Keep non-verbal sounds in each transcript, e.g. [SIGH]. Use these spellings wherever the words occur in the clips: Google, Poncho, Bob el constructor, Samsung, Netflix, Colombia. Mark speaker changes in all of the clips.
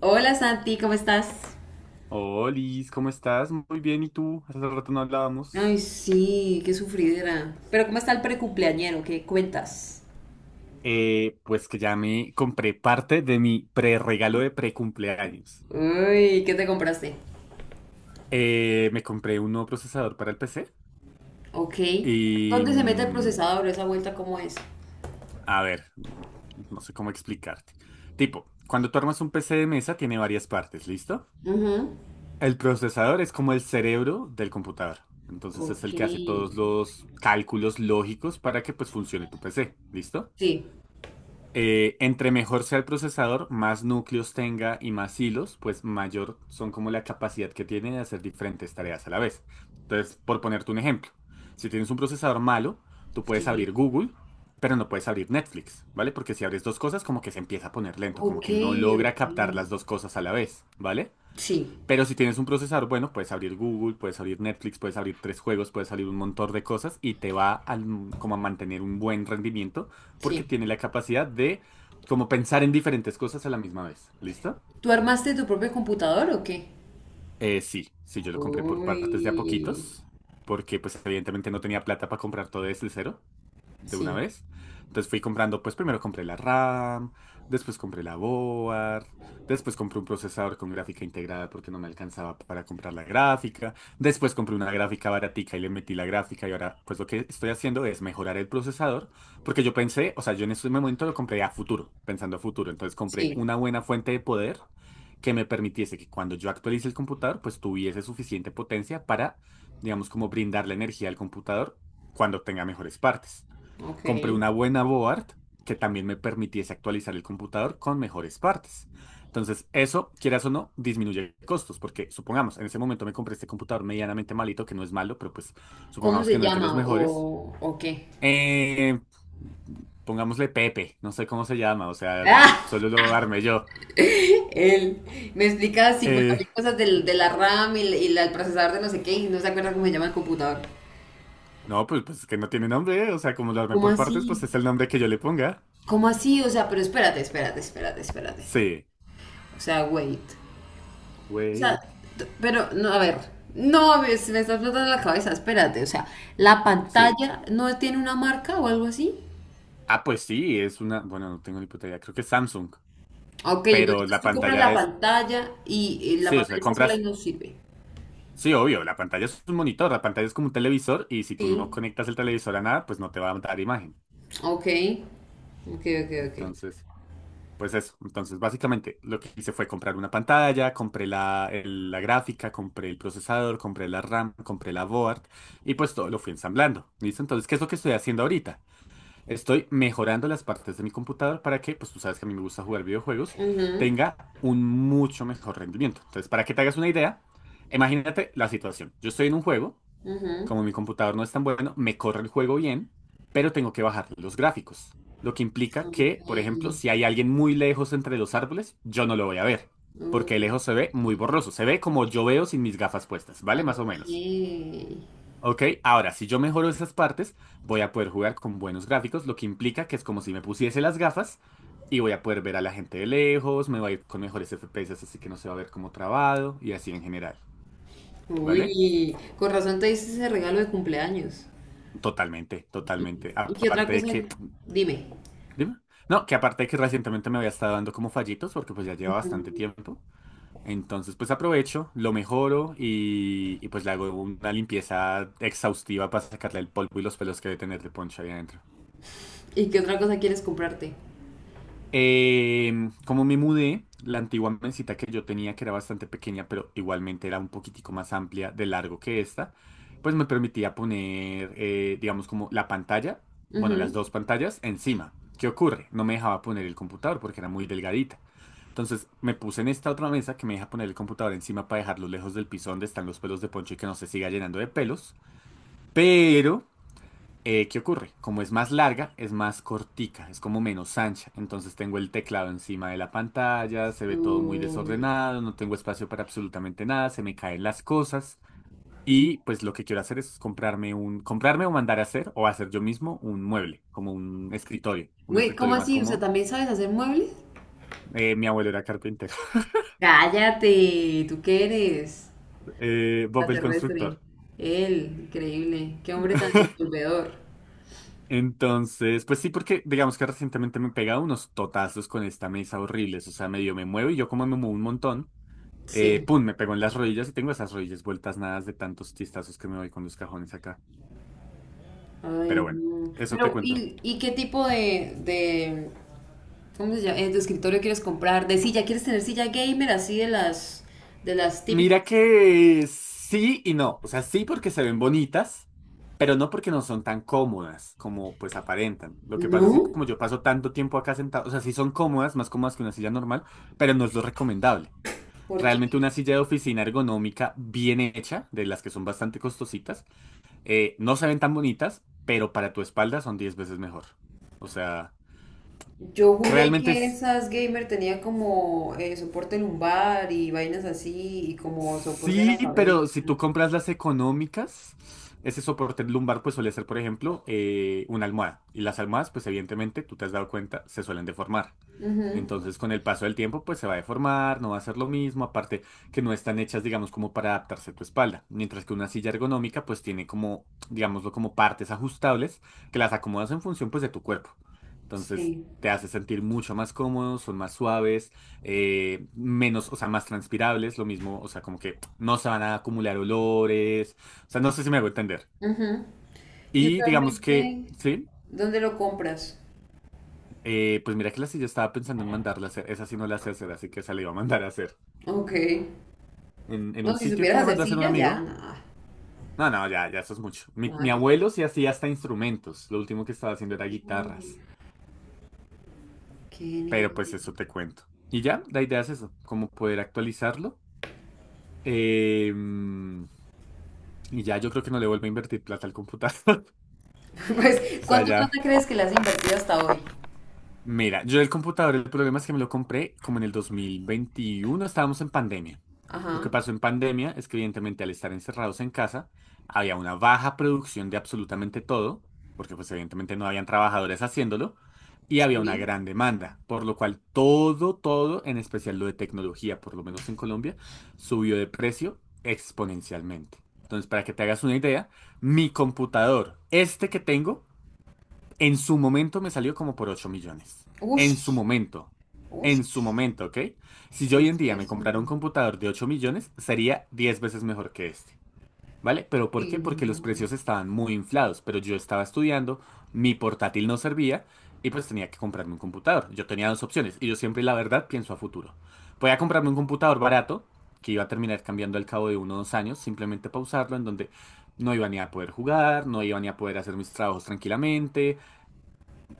Speaker 1: Hola Santi, ¿cómo estás?
Speaker 2: Hola, Liz, ¿cómo estás? Muy bien, ¿y tú? Hace rato no
Speaker 1: Ay,
Speaker 2: hablábamos.
Speaker 1: sí, qué sufridera. Pero ¿cómo está el precumpleañero? ¿Qué cuentas?
Speaker 2: Pues que ya me compré parte de mi pre-regalo de pre-cumpleaños.
Speaker 1: Uy, ¿qué te compraste?
Speaker 2: Me compré un nuevo procesador para el PC
Speaker 1: Ok.
Speaker 2: y...
Speaker 1: ¿Dónde se mete el
Speaker 2: mm,
Speaker 1: procesador? ¿Esa vuelta cómo es?
Speaker 2: a ver, no sé cómo explicarte. Tipo, cuando tú armas un PC de mesa tiene varias partes, ¿listo?
Speaker 1: Ujú.
Speaker 2: El procesador es como el cerebro del computador. Entonces es
Speaker 1: Ok.
Speaker 2: el que hace todos los cálculos lógicos para que pues funcione tu PC, ¿listo?
Speaker 1: Sí,
Speaker 2: Entre mejor sea el procesador, más núcleos tenga y más hilos, pues mayor son como la capacidad que tiene de hacer diferentes tareas a la vez. Entonces, por ponerte un ejemplo, si tienes un procesador malo, tú puedes
Speaker 1: sí.
Speaker 2: abrir Google, pero no puedes abrir Netflix, ¿vale? Porque si abres dos cosas, como que se empieza a poner lento, como
Speaker 1: Ok,
Speaker 2: que no logra
Speaker 1: ok.
Speaker 2: captar las dos cosas a la vez, ¿vale?
Speaker 1: Sí,
Speaker 2: Pero si tienes un procesador bueno, puedes abrir Google, puedes abrir Netflix, puedes abrir tres juegos, puedes abrir un montón de cosas y te va a, como a mantener un buen rendimiento porque
Speaker 1: sí.
Speaker 2: tiene la capacidad de como pensar en diferentes cosas a la misma vez. ¿Listo?
Speaker 1: ¿Tú armaste tu propio computador o qué?
Speaker 2: Sí, sí, yo lo compré por partes de a
Speaker 1: Uy,
Speaker 2: poquitos porque pues evidentemente no tenía plata para comprar todo desde cero de una
Speaker 1: sí,
Speaker 2: vez. Entonces fui comprando, pues primero compré la RAM, después compré la board, después compré un procesador con gráfica integrada porque no me alcanzaba para comprar la gráfica, después compré una gráfica baratica y le metí la gráfica y ahora pues lo que estoy haciendo es mejorar el procesador porque yo pensé, o sea, yo en ese momento lo compré a futuro, pensando a futuro, entonces compré
Speaker 1: sí.
Speaker 2: una buena fuente de poder que me permitiese que cuando yo actualice el computador pues tuviese suficiente potencia para, digamos, como brindar la energía al computador cuando tenga mejores partes.
Speaker 1: Ok.
Speaker 2: Compré una buena board que también me permitiese actualizar el computador con mejores partes. Entonces, eso, quieras o no, disminuye costos, porque supongamos, en ese momento me compré este computador medianamente malito, que no es malo, pero pues
Speaker 1: ¿Cómo
Speaker 2: supongamos que
Speaker 1: se
Speaker 2: no es de los
Speaker 1: llama
Speaker 2: mejores.
Speaker 1: o qué?
Speaker 2: Eh, Pongámosle Pepe, no sé cómo se llama, o sea,
Speaker 1: [LAUGHS]
Speaker 2: solo lo armé yo.
Speaker 1: Él me explicaba 50
Speaker 2: Eh,
Speaker 1: mil cosas de la RAM y, el procesador de no sé qué y no se acuerda cómo se llama el computador.
Speaker 2: no, pues, pues es que no tiene nombre, o sea, como lo armé
Speaker 1: ¿Cómo
Speaker 2: por partes, pues
Speaker 1: así?
Speaker 2: es el nombre que yo le ponga.
Speaker 1: ¿Cómo así? O sea, pero espérate, espérate, espérate, espérate.
Speaker 2: Sí,
Speaker 1: O sea, wait. O sea,
Speaker 2: wait,
Speaker 1: pero no, a ver. No, se me está explotando la cabeza, espérate. O sea, ¿la
Speaker 2: sí.
Speaker 1: pantalla no tiene una marca o algo así?
Speaker 2: Ah, pues sí, es una, bueno, no tengo ni puta idea, creo que es Samsung.
Speaker 1: Ok, bueno,
Speaker 2: Pero
Speaker 1: entonces
Speaker 2: la
Speaker 1: tú compras
Speaker 2: pantalla
Speaker 1: la
Speaker 2: es,
Speaker 1: pantalla y la
Speaker 2: sí, o
Speaker 1: pantalla
Speaker 2: sea,
Speaker 1: está sola y
Speaker 2: compras,
Speaker 1: no sirve.
Speaker 2: sí, obvio, la pantalla es un monitor, la pantalla es como un televisor y si tú no
Speaker 1: Sí.
Speaker 2: conectas el televisor a nada, pues no te va a dar imagen.
Speaker 1: Ok. Ok, ok, ok.
Speaker 2: Entonces, pues eso. Entonces, básicamente lo que hice fue comprar una pantalla, compré la gráfica, compré el procesador, compré la RAM, compré la board y pues todo lo fui ensamblando. ¿Listo? Entonces, ¿qué es lo que estoy haciendo ahorita? Estoy mejorando las partes de mi computador para que, pues tú sabes que a mí me gusta jugar videojuegos,
Speaker 1: Ujú,
Speaker 2: tenga un mucho mejor rendimiento. Entonces, para que te hagas una idea, imagínate la situación. Yo estoy en un juego,
Speaker 1: ujú.
Speaker 2: como mi computador no es tan bueno, me corre el juego bien, pero tengo que bajar los gráficos. Lo que implica que, por ejemplo,
Speaker 1: Okay,
Speaker 2: si hay alguien muy lejos entre los árboles, yo no lo voy a ver, porque de lejos se
Speaker 1: uh,
Speaker 2: ve muy borroso. Se ve como yo veo sin mis gafas puestas, ¿vale? Más o
Speaker 1: ok.
Speaker 2: menos. Ok, ahora si yo mejoro esas partes, voy a poder jugar con buenos gráficos, lo que implica que es como si me pusiese las gafas y voy a poder ver a la gente de lejos, me va a ir con mejores FPS, así que no se va a ver como trabado y así en general, ¿vale?
Speaker 1: Uy, con razón te hice ese regalo de cumpleaños.
Speaker 2: Totalmente,
Speaker 1: ¿Y,
Speaker 2: totalmente.
Speaker 1: y qué otra
Speaker 2: Aparte de
Speaker 1: cosa?
Speaker 2: que,
Speaker 1: Dime,
Speaker 2: dime, no, que aparte de que recientemente me había estado dando como fallitos porque pues ya lleva bastante tiempo. Entonces pues aprovecho, lo mejoro y, pues le hago una limpieza exhaustiva para sacarle el polvo y los pelos que debe tener de Poncho ahí adentro.
Speaker 1: ¿y qué otra cosa quieres comprarte?
Speaker 2: Como me mudé, la antigua mesita que yo tenía, que era bastante pequeña, pero igualmente era un poquitico más amplia de largo que esta, pues me permitía poner, digamos, como la pantalla, bueno, las
Speaker 1: Ujú.
Speaker 2: dos pantallas encima. ¿Qué ocurre? No me dejaba poner el computador porque era muy delgadita. Entonces me puse en esta otra mesa que me deja poner el computador encima para dejarlo lejos del piso donde están los pelos de Poncho y que no se siga llenando de pelos. Pero ¿qué ocurre? Como es más larga, es más cortica, es como menos ancha. Entonces tengo el teclado encima de la pantalla, se ve todo muy
Speaker 1: Uy.
Speaker 2: desordenado, no tengo espacio para absolutamente nada, se me caen las cosas. Y pues lo que quiero hacer es comprarme un, comprarme o mandar a hacer o hacer yo mismo un mueble, como un
Speaker 1: Güey, ¿cómo
Speaker 2: escritorio más
Speaker 1: así? O sea,
Speaker 2: cómodo.
Speaker 1: ¿también sabes hacer muebles?
Speaker 2: Mi abuelo era carpintero. [LAUGHS]
Speaker 1: Cállate, ¿tú qué eres?
Speaker 2: Bob el
Speaker 1: Extraterrestre.
Speaker 2: constructor.
Speaker 1: Él, increíble. Qué hombre tan
Speaker 2: [LAUGHS]
Speaker 1: resolvedor.
Speaker 2: Entonces, pues sí, porque digamos que recientemente me he pegado unos totazos con esta mesa horribles, o sea, medio me muevo y yo como me muevo un montón.
Speaker 1: Sí.
Speaker 2: Pum, me pegó en las rodillas y tengo esas rodillas vueltas nadas de tantos chistazos que me doy con los cajones acá. Pero
Speaker 1: Ay,
Speaker 2: bueno,
Speaker 1: no.
Speaker 2: eso te
Speaker 1: Pero,
Speaker 2: cuento.
Speaker 1: ¿y qué tipo de ¿Cómo se llama? De escritorio quieres comprar, de silla, ¿quieres tener silla gamer así de las típicas?
Speaker 2: Mira que sí y no. O sea, sí porque se ven bonitas, pero no porque no son tan cómodas como pues aparentan. Lo que pasa es que
Speaker 1: No,
Speaker 2: como yo paso tanto tiempo acá sentado, o sea, sí son cómodas, más cómodas que una silla normal, pero no es lo recomendable.
Speaker 1: porque
Speaker 2: Realmente una silla de oficina ergonómica bien hecha, de las que son bastante costositas, no se ven tan bonitas, pero para tu espalda son 10 veces mejor. O sea...
Speaker 1: yo juré
Speaker 2: Realmente
Speaker 1: que esas gamer tenían como soporte lumbar y vainas así y como soporte de la
Speaker 2: sí,
Speaker 1: cabeza.
Speaker 2: pero si tú compras las económicas, ese soporte lumbar pues suele ser, por ejemplo, una almohada. Y las almohadas, pues evidentemente, tú te has dado cuenta, se suelen deformar.
Speaker 1: Ujú,
Speaker 2: Entonces, con el paso del tiempo, pues se va a deformar, no va a ser lo mismo, aparte que no están hechas, digamos, como para adaptarse a tu espalda. Mientras que una silla ergonómica, pues tiene como, digámoslo, como partes ajustables que las acomodas en función, pues, de tu cuerpo. Entonces,
Speaker 1: Sí.
Speaker 2: te hace sentir mucho más cómodo, son más suaves. Menos, o sea, más transpirables, lo mismo, o sea, como que no se van a acumular olores, o sea, no sé si me hago entender.
Speaker 1: Ujú. Y
Speaker 2: Y digamos que,
Speaker 1: usualmente,
Speaker 2: sí,
Speaker 1: ¿dónde lo compras?
Speaker 2: pues mira que la silla estaba pensando en mandarla a hacer, esa sí no la sé hacer, así que esa la iba a mandar a hacer.
Speaker 1: Ok.
Speaker 2: En
Speaker 1: No,
Speaker 2: un
Speaker 1: si
Speaker 2: sitio que
Speaker 1: supieras
Speaker 2: la
Speaker 1: hacer
Speaker 2: mandó a hacer un
Speaker 1: silla, ya,
Speaker 2: amigo.
Speaker 1: nada.
Speaker 2: No, no, ya, ya eso es mucho. Mi
Speaker 1: Nada que...
Speaker 2: abuelo sí hacía hasta instrumentos, lo último que estaba haciendo era guitarras,
Speaker 1: Genial.
Speaker 2: pero pues
Speaker 1: [LAUGHS]
Speaker 2: eso te cuento. Y ya, la idea es eso, como poder actualizarlo. Em, y ya yo creo que no le vuelvo a invertir plata al computador.
Speaker 1: Pues,
Speaker 2: Sea,
Speaker 1: ¿cuánto
Speaker 2: ya.
Speaker 1: plata crees que le has invertido hasta hoy?
Speaker 2: Mira, yo el computador, el problema es que me lo compré como en el 2021 estábamos en pandemia. Lo que
Speaker 1: Ajá.
Speaker 2: pasó en pandemia es que evidentemente al estar encerrados en casa, había una baja producción de absolutamente todo, porque pues evidentemente no habían trabajadores haciéndolo, y había una
Speaker 1: Sí.
Speaker 2: gran demanda, por lo cual todo, todo, en especial lo de tecnología, por lo menos en Colombia, subió de precio exponencialmente. Entonces, para que te hagas una idea, mi computador, este que tengo, en su momento me salió como por 8 millones. En su
Speaker 1: Ush,
Speaker 2: momento. En su
Speaker 1: ush,
Speaker 2: momento, ¿ok? Si
Speaker 1: ¿qué
Speaker 2: yo hoy
Speaker 1: es
Speaker 2: en día me
Speaker 1: eso?
Speaker 2: comprara un computador de 8 millones, sería 10 veces mejor que este. ¿Vale? ¿Pero por qué?
Speaker 1: Uy,
Speaker 2: Porque los
Speaker 1: no,
Speaker 2: precios
Speaker 1: [LAUGHS]
Speaker 2: estaban muy inflados, pero yo estaba estudiando, mi portátil no servía y pues tenía que comprarme un computador. Yo tenía dos opciones y yo siempre, la verdad, pienso a futuro. Voy a comprarme un computador barato, que iba a terminar cambiando al cabo de 1 o 2 años, simplemente pausarlo, en donde no iba ni a poder jugar, no iba ni a poder hacer mis trabajos tranquilamente,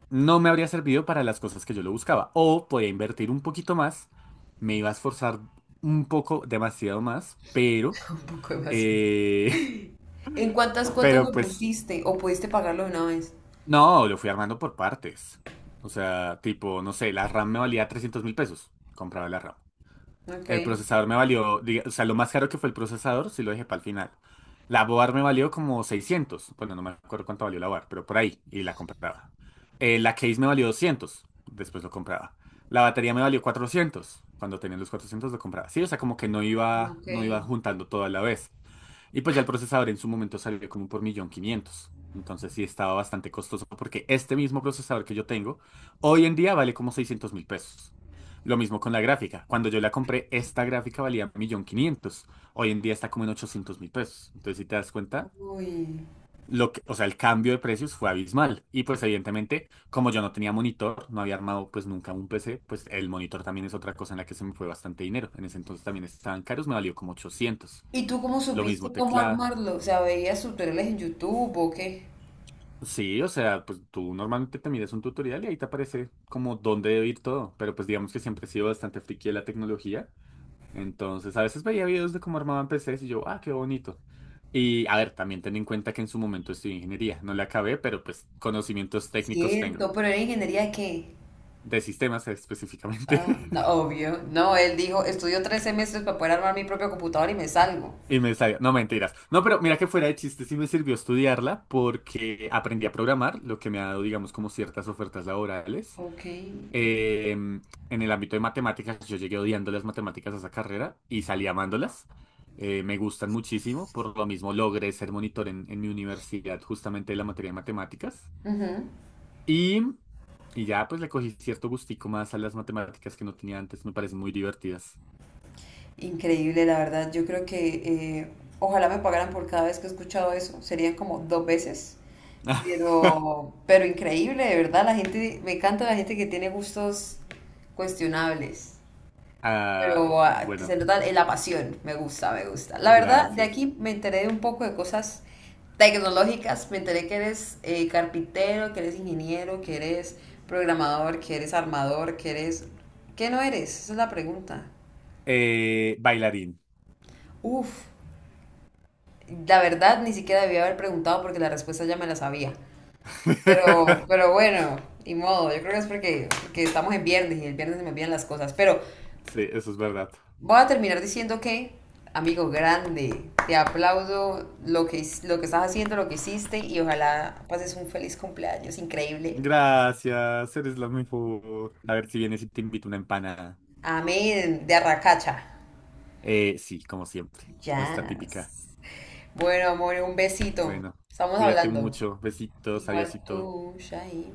Speaker 2: no me habría servido para las cosas que yo lo buscaba. O podía invertir un poquito más, me iba a esforzar un poco, demasiado más, pero,
Speaker 1: un demasiado.
Speaker 2: eh,
Speaker 1: ¿En cuántas
Speaker 2: [LAUGHS]
Speaker 1: cuotas
Speaker 2: pero
Speaker 1: lo
Speaker 2: pues,
Speaker 1: pusiste o pudiste pagarlo de una vez?
Speaker 2: no, lo fui armando por partes. O sea, tipo, no sé, la RAM me valía 300.000 pesos. Compraba la RAM.
Speaker 1: Ok,
Speaker 2: El procesador me valió, diga- o sea, lo más caro que fue el procesador, sí lo dejé para el final. La board me valió como seiscientos. Bueno, no me acuerdo cuánto valió la board, pero por ahí, y la compraba. La case me valió doscientos, después lo compraba. La batería me valió cuatrocientos, cuando tenía los 400 lo compraba. Sí, o sea, como que no iba,
Speaker 1: ok.
Speaker 2: juntando todo a la vez. Y pues ya el procesador en su momento salió como por 1.500.000. Entonces sí estaba bastante costoso porque este mismo procesador que yo tengo hoy en día vale como 600.000 pesos. Lo mismo con la gráfica. Cuando yo la compré, esta gráfica valía 1.500.000. Hoy en día está como en 800.000 pesos. Entonces si te das cuenta,
Speaker 1: Uy.
Speaker 2: lo que, o sea, el cambio de precios fue abismal. Y pues evidentemente, como yo no tenía monitor, no había armado pues nunca un PC, pues el monitor también es otra cosa en la que se me fue bastante dinero. En ese entonces también estaban caros, me valió como ochocientos.
Speaker 1: ¿Y tú cómo
Speaker 2: Lo
Speaker 1: supiste
Speaker 2: mismo
Speaker 1: cómo
Speaker 2: teclado.
Speaker 1: armarlo? O sea, ¿veías tutoriales en YouTube o qué?
Speaker 2: Sí, o sea, pues tú normalmente te miras un tutorial y ahí te aparece como dónde debe ir todo, pero pues digamos que siempre he sido bastante friki de la tecnología, entonces a veces veía videos de cómo armaban PCs y yo, ah, qué bonito. Y a ver, también ten en cuenta que en su momento estudié ingeniería, no la acabé, pero pues conocimientos técnicos tengo,
Speaker 1: Cierto, pero ¿era ingeniería de qué?
Speaker 2: de sistemas específicamente.
Speaker 1: Ah, no,
Speaker 2: [LAUGHS]
Speaker 1: obvio. No, él dijo, estudio 3 semestres para poder armar mi propio computador y me salgo.
Speaker 2: Y me salió, no mentiras. No, pero mira que fuera de chiste, sí me sirvió estudiarla porque aprendí a programar, lo que me ha dado, digamos, como ciertas ofertas laborales.
Speaker 1: Ok.
Speaker 2: En el ámbito de matemáticas, yo llegué odiando las matemáticas a esa carrera y salí amándolas. Me gustan muchísimo, por lo mismo logré ser monitor en mi universidad justamente de la materia de matemáticas.
Speaker 1: Ujú.
Speaker 2: Y, y ya pues le cogí cierto gustico más a las matemáticas que no tenía antes, me parecen muy divertidas.
Speaker 1: Increíble, la verdad. Yo creo que eh, ojalá me pagaran por cada vez que he escuchado eso. Serían como dos veces.
Speaker 2: [LAUGHS]
Speaker 1: Pero increíble, de verdad. La gente, me encanta la gente que tiene gustos cuestionables.
Speaker 2: Ah,
Speaker 1: Pero ah, que se
Speaker 2: bueno,
Speaker 1: nota en la pasión. Me gusta, me gusta. La verdad, de
Speaker 2: gracias.
Speaker 1: aquí me enteré de un poco de cosas tecnológicas. Me enteré que eres carpintero, que eres ingeniero, que eres programador, que eres armador, que eres... ¿Qué no eres? Esa es la pregunta.
Speaker 2: Bailarín.
Speaker 1: Uf. La verdad, ni siquiera debía haber preguntado porque la respuesta ya me la sabía.
Speaker 2: [LAUGHS]
Speaker 1: Pero bueno, y modo. Yo creo que es porque estamos en viernes y el viernes se me olvidan las cosas. Pero
Speaker 2: Sí, eso es verdad.
Speaker 1: voy a terminar diciendo que, amigo grande, te aplaudo lo que estás haciendo, lo que hiciste y ojalá pases un feliz cumpleaños increíble.
Speaker 2: Gracias, eres la mejor. A ver si vienes y te invito una empanada.
Speaker 1: Amén, de Arracacha.
Speaker 2: Sí, como siempre, nuestra típica.
Speaker 1: Yes. Bueno, amor, un besito.
Speaker 2: Bueno,
Speaker 1: Estamos
Speaker 2: cuídate
Speaker 1: hablando.
Speaker 2: mucho, besitos,
Speaker 1: Igual
Speaker 2: adiósito.
Speaker 1: tú, Shahid.